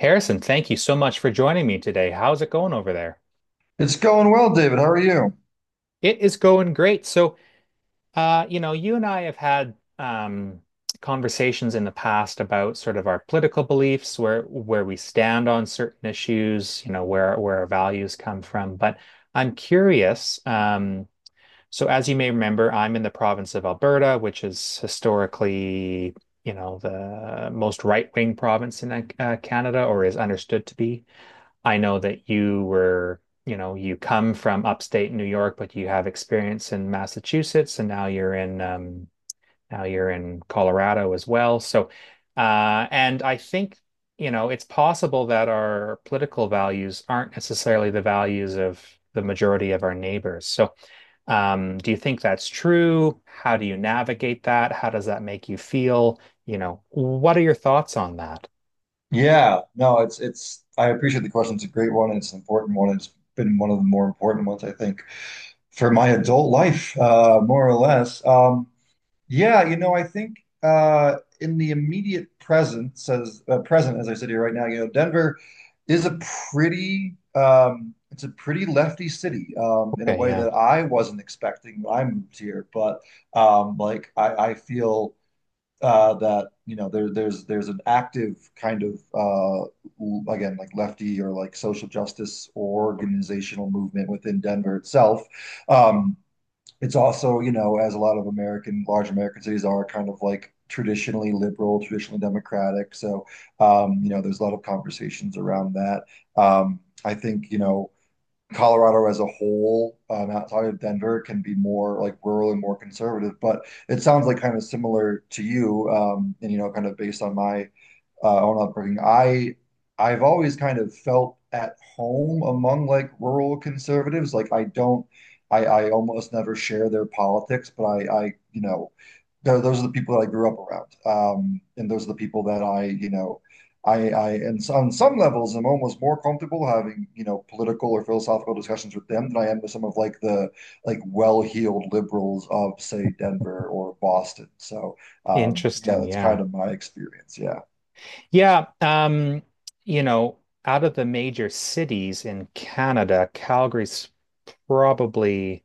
Harrison, thank you so much for joining me today. How's it going over there? It's going well, David. How are you? It is going great. So, you and I have had um, conversations in the past about sort of our political beliefs, where we stand on certain issues, you know, where our values come from. But I'm curious. So, as you may remember, I'm in the province of Alberta, which is historically, you know, the most right-wing province in Canada, or is understood to be. I know that you were, you know, you come from upstate New York, but you have experience in Massachusetts, and now you're in Colorado as well. And I think, you know, it's possible that our political values aren't necessarily the values of the majority of our neighbors. So, do you think that's true? How do you navigate that? How does that make you feel? You know, what are your thoughts on that? Yeah, no, it's I appreciate the question. It's a great one. It's an important one. It's been one of the more important ones, I think, for my adult life, more or less. Yeah, you know, I think in the immediate present, says present, as I sit here right now, you know, Denver is a pretty lefty city in a Okay, way yeah. that I wasn't expecting when I moved here. But like I feel that you know there's an active kind of again like lefty or like social justice or organizational movement within Denver itself. Um, it's also, you know, as a lot of American large American cities are, kind of like traditionally liberal, traditionally democratic. So you know, there's a lot of conversations around that. I think, you know, Colorado as a whole, outside of Denver, can be more like rural and more conservative. But it sounds like kind of similar to you, and you know, kind of based on my own upbringing. I've always kind of felt at home among like rural conservatives. Like I don't, I almost never share their politics, but I you know, they're, those are the people that I grew up around, and those are the people that I, you know, and so on some levels, I'm almost more comfortable having, you know, political or philosophical discussions with them than I am with some of like the well-heeled liberals of, say, Denver or Boston. So, yeah, Interesting. that's kind Yeah. of my experience. Yeah. Yeah, um, you know, out of the major cities in Canada, Calgary's probably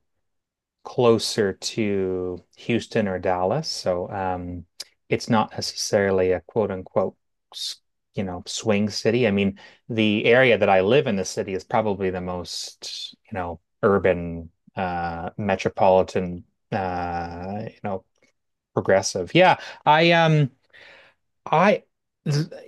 closer to Houston or Dallas. So, it's not necessarily a quote unquote, s- you know, swing city. I mean, the area that I live in the city is probably the most, you know, urban, metropolitan, uh, you know, progressive. Yeah, I um. I,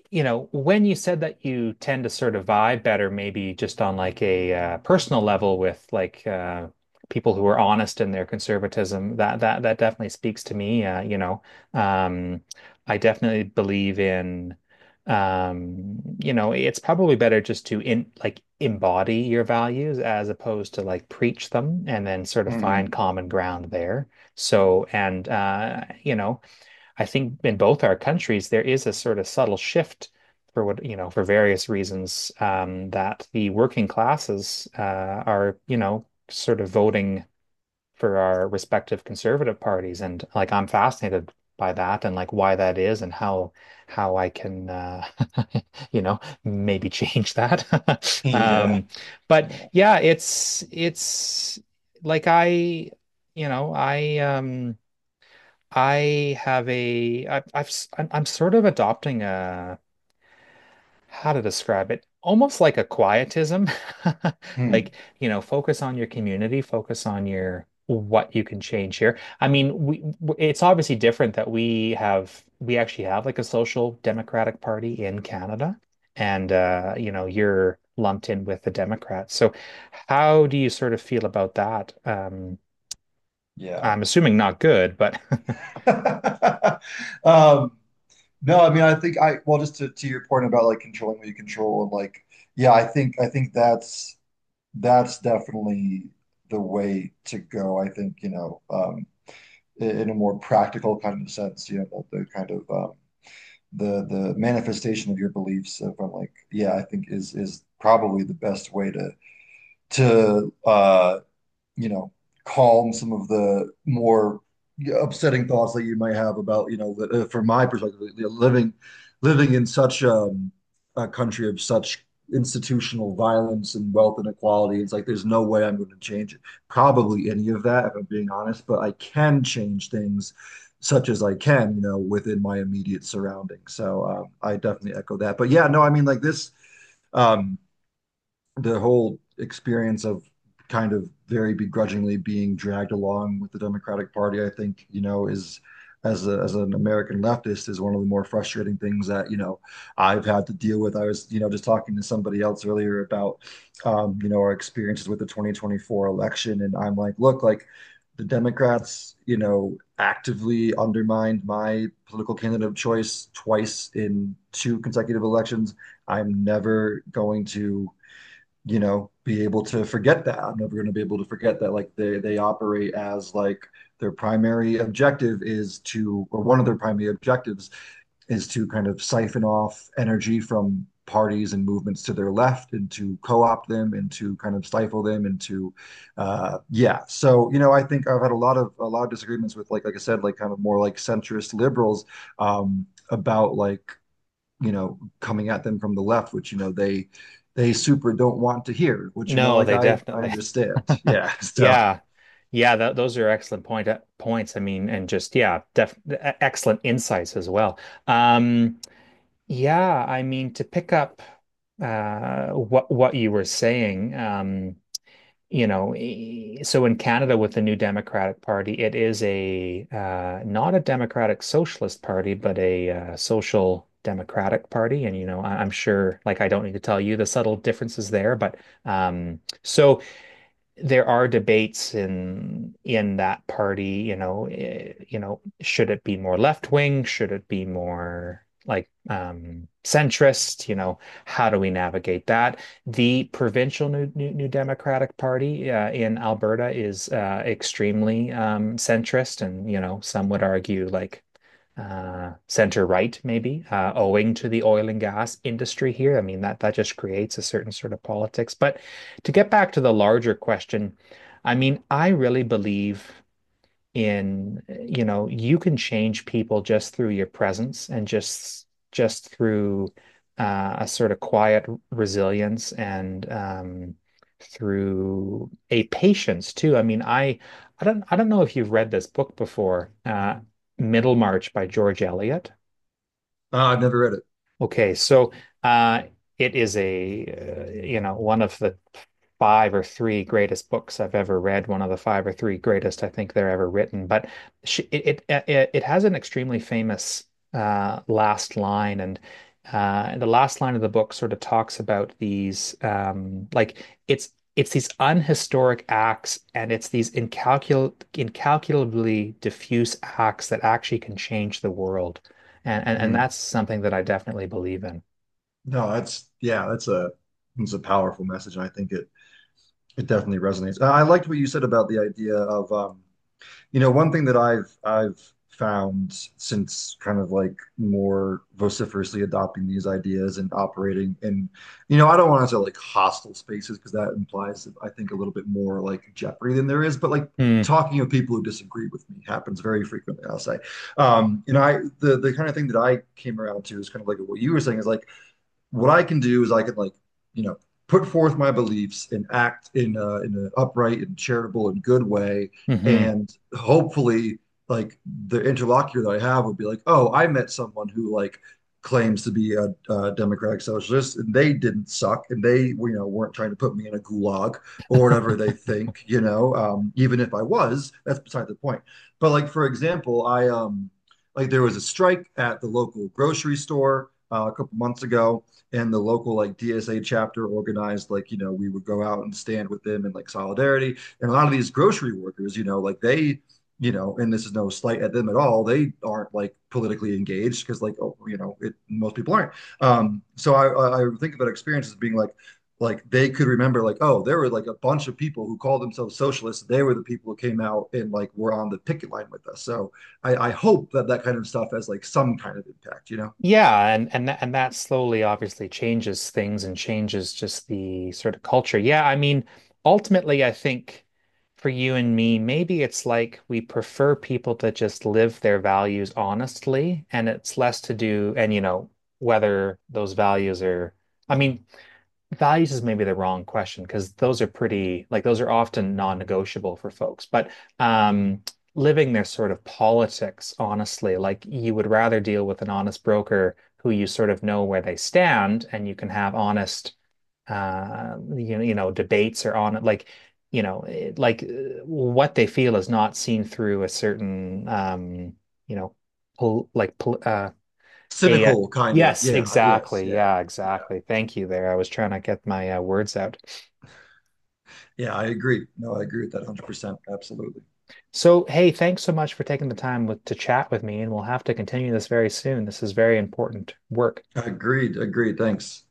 you know, when you said that you tend to sort of vibe better, maybe just on like a personal level with like people who are honest in their conservatism, that definitely speaks to me. Um, I definitely believe in, you know, it's probably better just to in like embody your values as opposed to like preach them and then sort of find Hmm. common ground there. So, and you know. I think in both our countries, there is a sort of subtle shift for what, you know, for various reasons, that the working classes are, you know, sort of voting for our respective conservative parties. And like, I'm fascinated by that and like why that is and how how I can you know, maybe change that. Yeah. Um, but Yeah. yeah, like I, you know, I have a I, I've s- I'm sort of adopting a how to describe it almost like a quietism Hmm. like you know, focus on your community, focus on your what you can change here. I mean it's obviously different that we actually have like a social democratic party in Canada, and you know, you're lumped in with the Democrats. So how do you sort of feel about that? Yeah. I'm assuming not good, but Um, no, I mean, well, just to your point about like controlling what you control and like, yeah, I think that's definitely the way to go. I think, you know, in a more practical kind of sense, you know, the kind of the manifestation of your beliefs from like, yeah, I think is probably the best way to to uh you know, calm some of the more upsetting thoughts that you might have about, you know, from my perspective, living living in such a country of such institutional violence and wealth inequality. It's like there's no way I'm going to change it, probably any of that, if I'm being honest, but I can change things such as I can, you know, within my immediate surroundings. So I definitely echo that. But yeah, no, I mean, like this, um, the whole experience of kind of very begrudgingly being dragged along with the Democratic Party, I think, you know, is as an American leftist, is one of the more frustrating things that, you know, I've had to deal with. I was, you know, just talking to somebody else earlier about, you know, our experiences with the 2024 election. And I'm like, look, like the Democrats, you know, actively undermined my political candidate of choice twice in two consecutive elections. I'm never going to, you know, be able to forget that. I'm never going to be able to forget that. Like they operate as like their primary objective is to, or one of their primary objectives is to kind of siphon off energy from parties and movements to their left and to co-opt them and to kind of stifle them and to yeah, so you know, I think I've had a lot of disagreements with like I said, like kind of more like centrist liberals, about like, you know, coming at them from the left, which, you know, they super don't want to hear, which, you know, No, like they I definitely understand. Yeah. So Yeah. Yeah, those are excellent points. I mean, and just yeah, excellent insights as well. Um, yeah, I mean, to pick up what you were saying, you know, so in Canada with the new Democratic Party, it is a not a democratic socialist party, but a social democratic party. And you know, I'm sure, like, I don't need to tell you the subtle differences there, but um so there are debates in that party. You know, you know, should it be more left wing? Should it be more like centrist? You know, how do we navigate that? The provincial New Democratic Party in Alberta is extremely centrist, and you know, some would argue like center right, maybe, owing to the oil and gas industry here. I mean, that just creates a certain sort of politics. But to get back to the larger question, I mean, I really believe in, you know, you can change people just through your presence and just through a sort of quiet resilience, and through a patience too. I mean, I don't know if you've read this book before, Middlemarch by George Eliot. I've never read it. Okay, uh, it is a, you know, one of the five or three greatest books I've ever read, one of the five or three greatest I think they're ever written. But she, it it it has an extremely famous last line, and the last line of the book sort of talks about these like it's these unhistoric acts, and it's these incalculably diffuse acts that actually can change the world, and Mhm. that's something that I definitely believe in. No, that's yeah, that's a it's a powerful message, and I think it definitely resonates. I liked what you said about the idea of you know, one thing that I've found since kind of like more vociferously adopting these ideas and operating in, you know, I don't want to say like hostile spaces, because that implies, I think, a little bit more like jeopardy than there is, but like Mm, talking of people who disagree with me happens very frequently, I'll say. And I the kind of thing that I came around to is kind of like what you were saying, is like what I can do is I can like, you know, put forth my beliefs and act in an upright and charitable and good way, mhm. and hopefully, like the interlocutor that I have would be like, oh, I met someone who like claims to be a democratic socialist and they didn't suck and they, you know, weren't trying to put me in a gulag or whatever they think, you know. Even if I was, that's beside the point. But like for example, I like there was a strike at the local grocery store a couple months ago, and the local like DSA chapter organized, like, you know, we would go out and stand with them in like solidarity. And a lot of these grocery workers, you know, like they, you know, and this is no slight at them at all, they aren't like politically engaged, because like, oh, you know, it most people aren't. So I think about experience as being like they could remember like, oh, there were like a bunch of people who called themselves socialists, they were the people who came out and like were on the picket line with us. So I hope that that kind of stuff has like some kind of impact, you know. Yeah, and that slowly obviously changes things and changes just the sort of culture. Yeah, I mean, ultimately, I think for you and me, maybe it's like we prefer people to just live their values honestly, and it's less to do, and you know, whether those values are, I mean, values is maybe the wrong question because those are pretty, like those are often non-negotiable for folks. But um, living their sort of politics honestly, like you would rather deal with an honest broker who you sort of know where they stand, and you can have honest, you know, debates or on like, you know, what they feel is not seen through a certain, you know, pol like pol a, Cynical kind of, yes, yeah. Yes, exactly. yeah. Yeah, Yeah, exactly. Thank you there. I was trying to get my words out. yeah, I agree. No, I agree with that 100%. Absolutely. So, hey, thanks so much for taking the time to chat with me, and we'll have to continue this very soon. This is very important work. Agreed, agreed. Thanks.